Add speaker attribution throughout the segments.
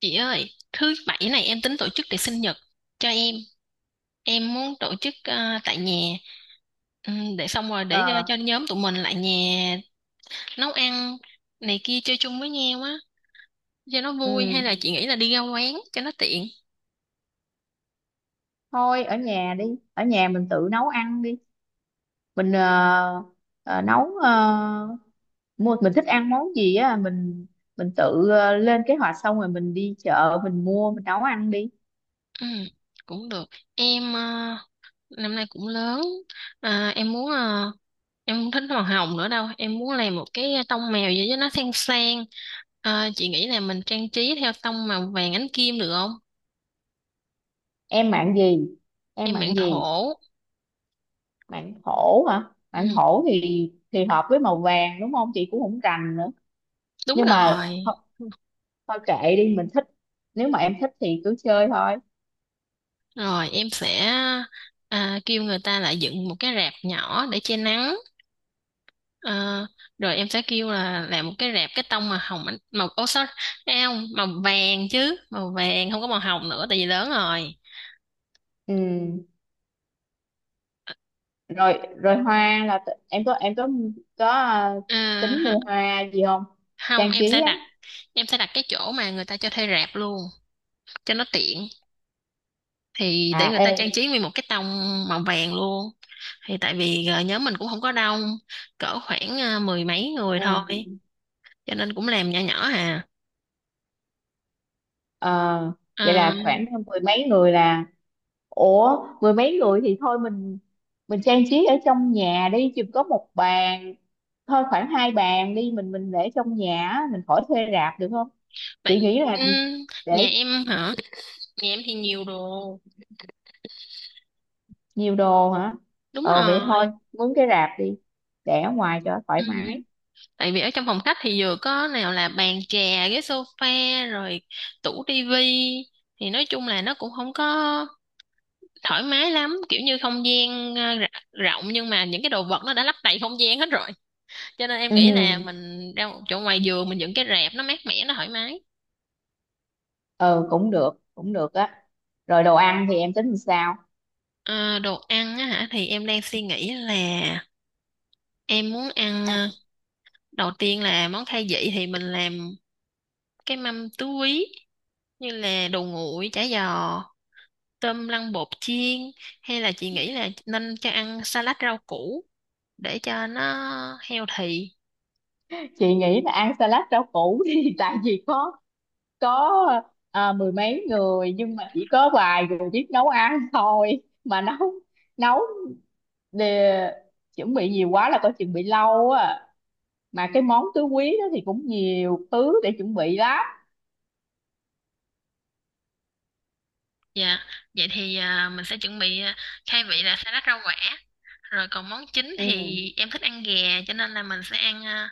Speaker 1: Chị ơi, thứ bảy này em tính tổ chức tiệc sinh nhật cho em. Em muốn tổ chức tại nhà. Để xong rồi để cho,
Speaker 2: ờ
Speaker 1: cho nhóm tụi mình lại nhà nấu ăn này kia chơi chung với nhau á cho nó vui, hay
Speaker 2: ừ,
Speaker 1: là chị nghĩ là đi ra quán cho nó tiện.
Speaker 2: thôi ở nhà đi. Ở nhà mình tự nấu ăn đi. Mình nấu, mua mình thích ăn món gì á, mình tự lên kế hoạch xong rồi mình đi chợ mình mua mình nấu ăn đi.
Speaker 1: Ừm, Cũng được. Em năm nay cũng lớn. À, em muốn em không thích màu hồng nữa đâu. Em muốn làm một cái tông mèo gì cho nó sang sang. Ờ, chị nghĩ là mình trang trí theo tông màu vàng ánh kim được không?
Speaker 2: em mạng gì em
Speaker 1: Em mạng
Speaker 2: mạng gì?
Speaker 1: thổ.
Speaker 2: Mạng hổ hả?
Speaker 1: Ừ.
Speaker 2: Mạng hổ thì hợp với màu vàng đúng không, chị cũng không rành nữa.
Speaker 1: Đúng
Speaker 2: nhưng mà
Speaker 1: rồi.
Speaker 2: thôi, Thôi kệ đi mình thích, nếu mà em thích thì cứ chơi thôi.
Speaker 1: Rồi em sẽ kêu người ta lại dựng một cái rạp nhỏ để che nắng. Ờ, rồi em sẽ kêu là làm một cái rạp cái tông màu hồng màu ô sorry, à, không, màu vàng chứ, màu vàng không có màu hồng nữa tại vì lớn rồi.
Speaker 2: Ừ. rồi rồi hoa là, em có, à,
Speaker 1: À,
Speaker 2: tính
Speaker 1: ha-
Speaker 2: mua hoa gì không?
Speaker 1: không
Speaker 2: Trang
Speaker 1: em sẽ
Speaker 2: trí á.
Speaker 1: đặt, em sẽ đặt cái chỗ mà người ta cho thuê rạp luôn cho nó tiện, thì
Speaker 2: À,
Speaker 1: để người ta trang
Speaker 2: ê.
Speaker 1: trí nguyên một cái tông màu vàng luôn. Thì tại vì nhóm mình cũng không có đông, cỡ khoảng mười mấy người thôi
Speaker 2: Ừ.
Speaker 1: cho nên cũng làm nhỏ nhỏ à.
Speaker 2: ờ, Vậy là
Speaker 1: À
Speaker 2: khoảng mười mấy người là... ủa, mười mấy người thì thôi, mình trang trí ở trong nhà đi, chỉ có một bàn thôi, khoảng hai bàn đi, mình để trong nhà á, mình khỏi thuê rạp được không? Chị
Speaker 1: vậy,
Speaker 2: nghĩ
Speaker 1: ừ,
Speaker 2: là
Speaker 1: nhà
Speaker 2: để...
Speaker 1: em hả? Nhà em thì nhiều đồ,
Speaker 2: Nhiều đồ hả?
Speaker 1: đúng
Speaker 2: Vậy thôi,
Speaker 1: rồi.
Speaker 2: muốn cái rạp đi, để ở ngoài cho
Speaker 1: Ừ,
Speaker 2: thoải mái.
Speaker 1: tại vì ở trong phòng khách thì vừa có nào là bàn trà, ghế sofa, rồi tủ tivi, thì nói chung là nó cũng không có thoải mái lắm, kiểu như không gian rộng nhưng mà những cái đồ vật nó đã lấp đầy không gian hết rồi, cho nên em
Speaker 2: ừ
Speaker 1: nghĩ là
Speaker 2: ừ.
Speaker 1: mình ra một chỗ ngoài giường mình dựng cái rạp nó mát mẻ nó thoải mái.
Speaker 2: Ừ, cũng được, cũng được á. Rồi đồ ăn thì em tính làm sao?
Speaker 1: Ờ, đồ ăn á hả, thì em đang suy nghĩ là em muốn ăn
Speaker 2: Ăn...
Speaker 1: đầu tiên là món khai vị thì mình làm cái mâm tứ quý như là đồ nguội, chả giò, tôm lăn bột chiên, hay là chị nghĩ là nên cho ăn salad rau củ để cho nó healthy.
Speaker 2: Chị nghĩ là ăn salad rau củ thì tại vì có, có mười mấy người nhưng mà chỉ có vài người biết nấu ăn thôi, mà nấu nấu để, chuẩn bị nhiều quá là coi chừng bị lâu á, mà cái món tứ quý đó thì cũng nhiều thứ để chuẩn bị lắm.
Speaker 1: Dạ, vậy thì à, mình sẽ chuẩn bị à, khai vị là salad rau quả. Rồi còn món chính thì
Speaker 2: Ừ.
Speaker 1: em thích ăn gà, cho nên là mình sẽ ăn à,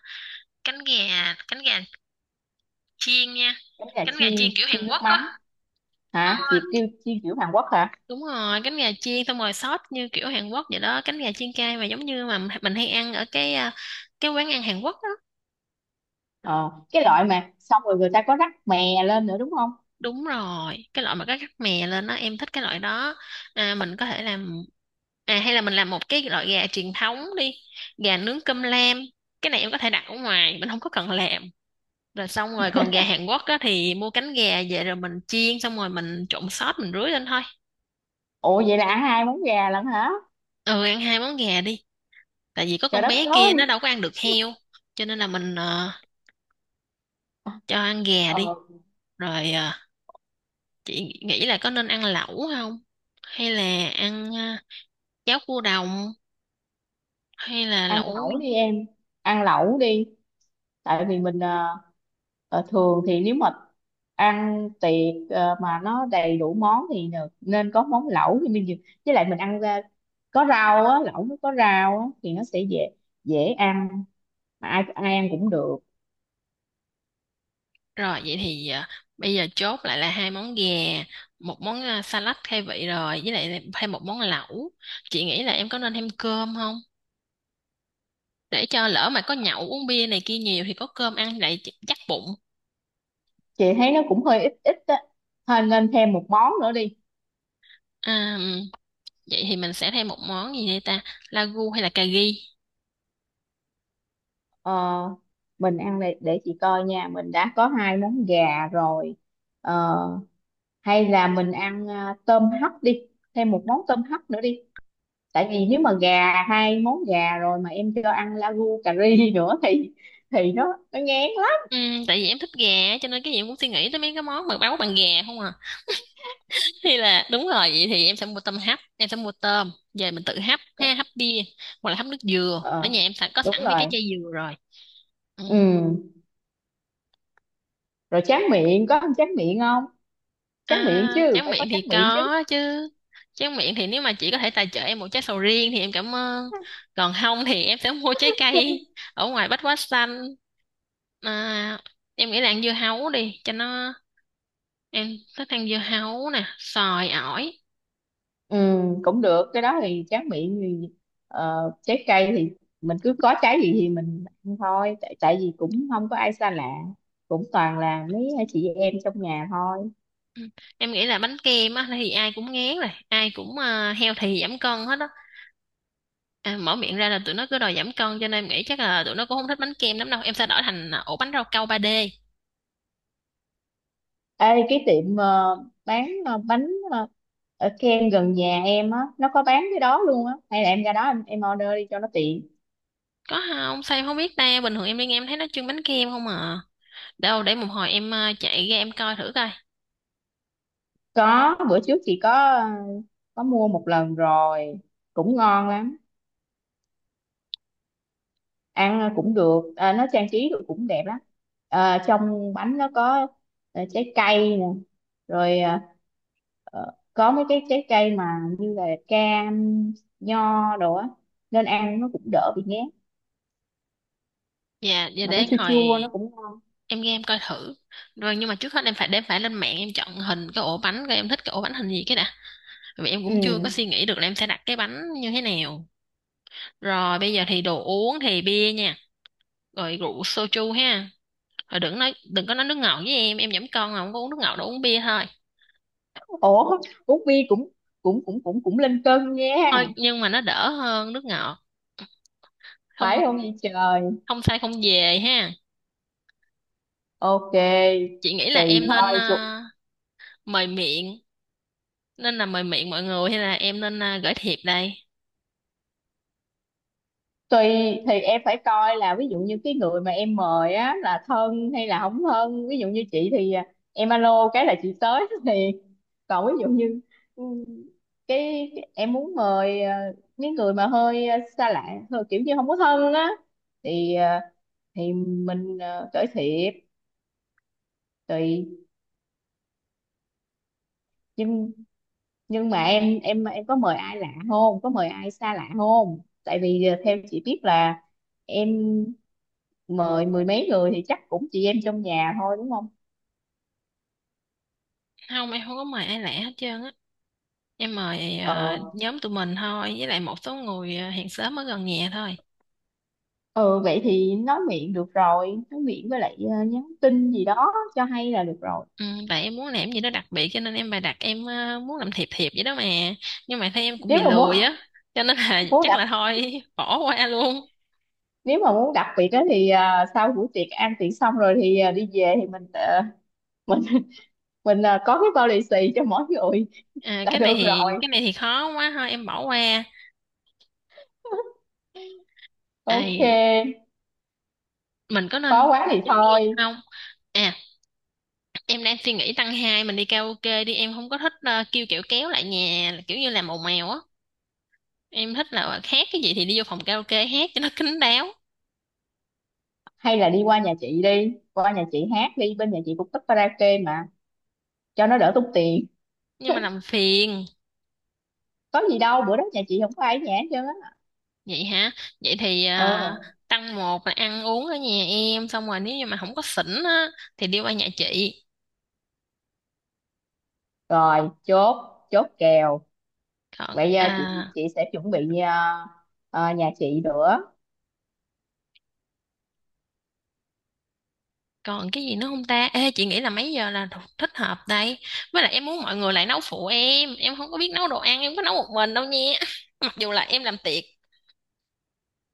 Speaker 1: cánh gà chiên nha.
Speaker 2: Giống gà
Speaker 1: Cánh gà chiên
Speaker 2: chiên
Speaker 1: kiểu Hàn
Speaker 2: chiên nước
Speaker 1: Quốc
Speaker 2: mắm?
Speaker 1: á. Ờ,
Speaker 2: Hả? Chị kêu chiên kiểu Hàn Quốc hả?
Speaker 1: đúng rồi, cánh gà chiên xong rồi sốt như kiểu Hàn Quốc vậy đó, cánh gà chiên cay mà giống như mà mình hay ăn ở cái à, cái quán ăn Hàn Quốc đó.
Speaker 2: Ờ cái
Speaker 1: Ừ,
Speaker 2: loại mà xong rồi người ta có rắc mè lên nữa đúng không?
Speaker 1: đúng rồi, cái loại mà có rắc mè lên đó, em thích cái loại đó. À, mình có thể làm à, hay là mình làm một cái loại gà truyền thống đi, gà nướng cơm lam. Cái này em có thể đặt ở ngoài, mình không có cần làm. Rồi xong rồi còn gà Hàn Quốc đó thì mua cánh gà về rồi mình chiên xong rồi mình trộn sốt mình rưới lên thôi.
Speaker 2: Ủa, vậy là ăn hai món gà lận hả?
Speaker 1: Ừ, ăn hai món gà đi, tại vì có
Speaker 2: Trời
Speaker 1: con
Speaker 2: đất
Speaker 1: bé
Speaker 2: ơi.
Speaker 1: kia nó đâu có ăn được heo cho nên là mình cho ăn gà đi.
Speaker 2: Ờ,
Speaker 1: Rồi à, chị nghĩ là có nên ăn lẩu không, hay là ăn à, cháo cua đồng, hay là
Speaker 2: Ăn
Speaker 1: lẩu?
Speaker 2: lẩu đi em. Ăn lẩu đi. Tại vì mình thường thì nếu mà ăn tiệc, mà nó đầy đủ món thì được. Nên có món lẩu thì mình với lại mình ăn ra có rau á, lẩu nó có rau á thì nó sẽ dễ dễ ăn, mà ai ai ăn cũng được.
Speaker 1: Rồi vậy thì à, bây giờ chốt lại là hai món gà, một món à, salad khai vị, rồi với lại thêm một món lẩu. Chị nghĩ là em có nên thêm cơm không, để cho lỡ mà có nhậu uống bia này kia nhiều thì có cơm ăn lại chắc bụng.
Speaker 2: Chị thấy nó cũng hơi ít ít á. Thôi nên thêm một món nữa đi.
Speaker 1: À, vậy thì mình sẽ thêm một món gì đây ta, lagu hay là cà ri?
Speaker 2: Ờ, mình ăn, để chị coi nha, mình đã có hai món gà rồi. Ờ, Hay là mình ăn, tôm hấp đi, thêm một món tôm hấp nữa đi, tại vì nếu mà gà hai món gà rồi mà em cho ăn lagu cà ri nữa thì nó ngán lắm.
Speaker 1: Ừ, tại vì em thích gà cho nên cái gì em cũng suy nghĩ tới mấy cái món mà nấu bằng gà không à, thì là đúng rồi, vậy thì em sẽ mua tôm hấp, em sẽ mua tôm về mình tự hấp ha, hấp bia hoặc là hấp nước dừa, ở
Speaker 2: ờ
Speaker 1: nhà em sẵn có
Speaker 2: Đúng
Speaker 1: sẵn mấy cái
Speaker 2: rồi.
Speaker 1: chai dừa rồi. Ừ.
Speaker 2: Ừ. Rồi tráng miệng, có ăn tráng miệng không? Tráng miệng
Speaker 1: À,
Speaker 2: chứ,
Speaker 1: tráng
Speaker 2: phải có
Speaker 1: miệng
Speaker 2: tráng
Speaker 1: thì
Speaker 2: miệng chứ.
Speaker 1: có chứ. Tráng miệng thì nếu mà chị có thể tài trợ em một trái sầu riêng thì em cảm ơn, còn không thì em sẽ mua trái cây ở ngoài Bách Hóa Xanh. À, em nghĩ là ăn dưa hấu đi cho nó, em thích ăn dưa hấu nè, xoài, ổi.
Speaker 2: Ừ, cũng được, cái đó thì tráng miệng thì, trái cây thì mình cứ có trái gì thì mình ăn thôi, tại tại vì cũng không có ai xa lạ, cũng toàn là mấy chị em trong nhà thôi.
Speaker 1: Ừ. Em nghĩ là bánh kem á thì ai cũng ngán rồi, ai cũng healthy giảm cân hết á. À, mở miệng ra là tụi nó cứ đòi giảm cân cho nên em nghĩ chắc là tụi nó cũng không thích bánh kem lắm đâu, em sẽ đổi thành à, ổ bánh rau câu 3D.
Speaker 2: Ê, cái tiệm bán bánh ở kem gần nhà em á nó có bán cái đó luôn á, hay là em ra đó, em order đi cho nó tiện.
Speaker 1: Có không sao em không biết ta, bình thường em đi nghe em thấy nó trưng bánh kem không à, đâu để một hồi em à, chạy ra em coi thử coi.
Speaker 2: Có, bữa trước chị có mua một lần rồi, cũng ngon lắm. Ăn cũng được, nó trang trí được cũng đẹp lắm. Trong bánh nó có, trái cây nè, rồi, à, có mấy cái trái cây mà như là cam, nho đồ á, nên ăn nó cũng đỡ bị ngán,
Speaker 1: Dạ dạ,
Speaker 2: mà nó
Speaker 1: để
Speaker 2: chua chua
Speaker 1: hồi
Speaker 2: nó cũng ngon.
Speaker 1: em ra em coi thử. Rồi nhưng mà trước hết em phải để phải lên mạng em chọn hình cái ổ bánh coi em thích cái ổ bánh hình gì cái đã, vì em cũng chưa có
Speaker 2: Ừ.
Speaker 1: suy nghĩ được là em sẽ đặt cái bánh như thế nào. Rồi bây giờ thì đồ uống thì bia nha, rồi rượu soju ha. Thôi đừng nói đừng có nói nước ngọt với em giảm cân mà không có uống nước ngọt đâu, uống bia thôi.
Speaker 2: Ủa, uống bia cũng cũng cũng cũng cũng lên cân nha.
Speaker 1: Thôi nhưng mà nó đỡ hơn nước ngọt.
Speaker 2: Phải
Speaker 1: Không,
Speaker 2: không vậy trời?
Speaker 1: không sai không về ha.
Speaker 2: OK.
Speaker 1: Chị nghĩ là
Speaker 2: Tùy
Speaker 1: em nên
Speaker 2: thôi.
Speaker 1: mời miệng, nên là mời miệng mọi người hay là em nên gửi thiệp đây.
Speaker 2: Tùy. Thì em phải coi là ví dụ như cái người mà em mời á là thân hay là không thân, ví dụ như chị thì em alo cái là chị tới thì, còn ví dụ như, ừ, em muốn mời, những người mà hơi, xa lạ, hơi kiểu như không có thân á, thì, thì mình, cởi thiệp. Tùy. nhưng nhưng mà em có mời ai lạ không, có mời ai xa lạ không? Tại vì, theo chị biết là em mời mười mấy người thì chắc cũng chị em trong nhà thôi đúng không?
Speaker 1: Không, em không có mời ai lạ hết trơn á. Em mời
Speaker 2: Ờ.
Speaker 1: nhóm tụi mình thôi với lại một số người hàng xóm ở gần nhà thôi.
Speaker 2: Ừ, vậy thì nói miệng được rồi, nói miệng với lại nhắn tin gì đó cho, hay là được rồi.
Speaker 1: Ừ, tại em muốn làm gì đó đặc biệt cho nên em bày đặt em muốn làm thiệp thiệp vậy đó mà, nhưng mà thấy em cũng
Speaker 2: Nếu
Speaker 1: bị
Speaker 2: mà muốn
Speaker 1: lười á cho nên là
Speaker 2: muốn
Speaker 1: chắc
Speaker 2: đặc...
Speaker 1: là thôi bỏ qua luôn.
Speaker 2: nếu mà muốn đặc biệt á thì sau buổi tiệc ăn tiệc xong rồi thì, đi về thì mình, mình mình có cái bao lì xì cho mỗi người.
Speaker 1: À,
Speaker 2: Là được rồi.
Speaker 1: cái này thì khó quá thôi em bỏ qua. À,
Speaker 2: OK.
Speaker 1: mình có nên
Speaker 2: Khó quá thì
Speaker 1: chơi game
Speaker 2: thôi.
Speaker 1: không? À, em đang suy nghĩ tăng hai mình đi karaoke đi, em không có thích kêu kiểu kéo lại nhà là kiểu như làm ồn ào á. Em thích là hát cái gì thì đi vô phòng karaoke hát cho nó kín đáo,
Speaker 2: Hay là đi qua nhà chị, đi qua nhà chị hát đi, bên nhà chị cũng thích karaoke mà, cho nó đỡ tốn tiền.
Speaker 1: nhưng mà làm phiền.
Speaker 2: Có gì đâu, bữa đó nhà chị không có ai ở nhà hết trơn á.
Speaker 1: Vậy hả? Vậy thì ờ,
Speaker 2: Ờ.
Speaker 1: tăng một là ăn uống ở nhà em xong rồi nếu như mà không có xỉn á thì đi qua nhà chị.
Speaker 2: Rồi, chốt, chốt kèo.
Speaker 1: Còn
Speaker 2: Bây giờ
Speaker 1: à,
Speaker 2: chị sẽ chuẩn bị, nhà chị nữa.
Speaker 1: còn cái gì nữa không ta? Ê, chị nghĩ là mấy giờ là thích hợp đây? Với lại em muốn mọi người lại nấu phụ em. Em không có biết nấu đồ ăn, em có nấu một mình đâu nha. Mặc dù là em làm tiệc.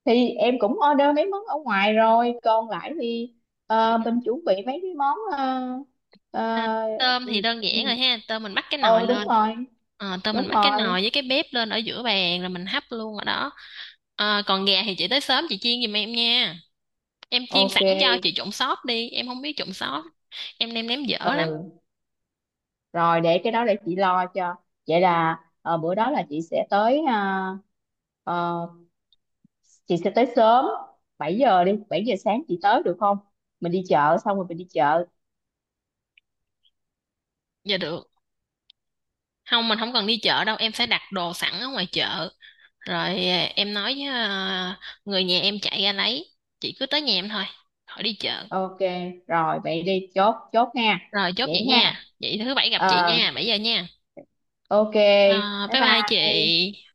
Speaker 2: Thì em cũng order mấy món ở ngoài rồi, còn lại thì mình chuẩn bị mấy cái món, ờ,
Speaker 1: À, tôm thì
Speaker 2: ừ.
Speaker 1: đơn giản rồi ha. Tôm mình bắt cái nồi
Speaker 2: Ừ, đúng
Speaker 1: lên.
Speaker 2: rồi.
Speaker 1: Ờ, tôm mình
Speaker 2: Đúng
Speaker 1: bắt cái
Speaker 2: rồi.
Speaker 1: nồi với cái bếp lên ở giữa bàn rồi mình hấp luôn ở đó. Ờ, còn gà thì chị tới sớm chị chiên giùm em nha. Em chiên
Speaker 2: OK.
Speaker 1: sẵn cho chị trộn sốt đi. Em không biết trộn sốt. Em nêm nếm dở lắm.
Speaker 2: Ừ, rồi để cái đó để chị lo cho. Vậy là, bữa đó là chị sẽ tới, ờ, chị sẽ tới sớm. 7 giờ đi, 7 giờ sáng chị tới được không? Mình đi chợ, xong rồi mình đi chợ.
Speaker 1: Dạ được. Không, mình không cần đi chợ đâu. Em sẽ đặt đồ sẵn ở ngoài chợ. Rồi à, em nói với à, người nhà em chạy ra lấy. Chị cứ tới nhà em thôi. Khỏi đi chợ.
Speaker 2: OK. Rồi vậy đi, chốt chốt nha.
Speaker 1: Rồi chốt
Speaker 2: Vậy
Speaker 1: vậy nha.
Speaker 2: nha.
Speaker 1: Vậy thứ bảy gặp chị
Speaker 2: Ờ.
Speaker 1: nha. 7 giờ nha.
Speaker 2: OK.
Speaker 1: À,
Speaker 2: Bye
Speaker 1: bye bye
Speaker 2: bye.
Speaker 1: chị.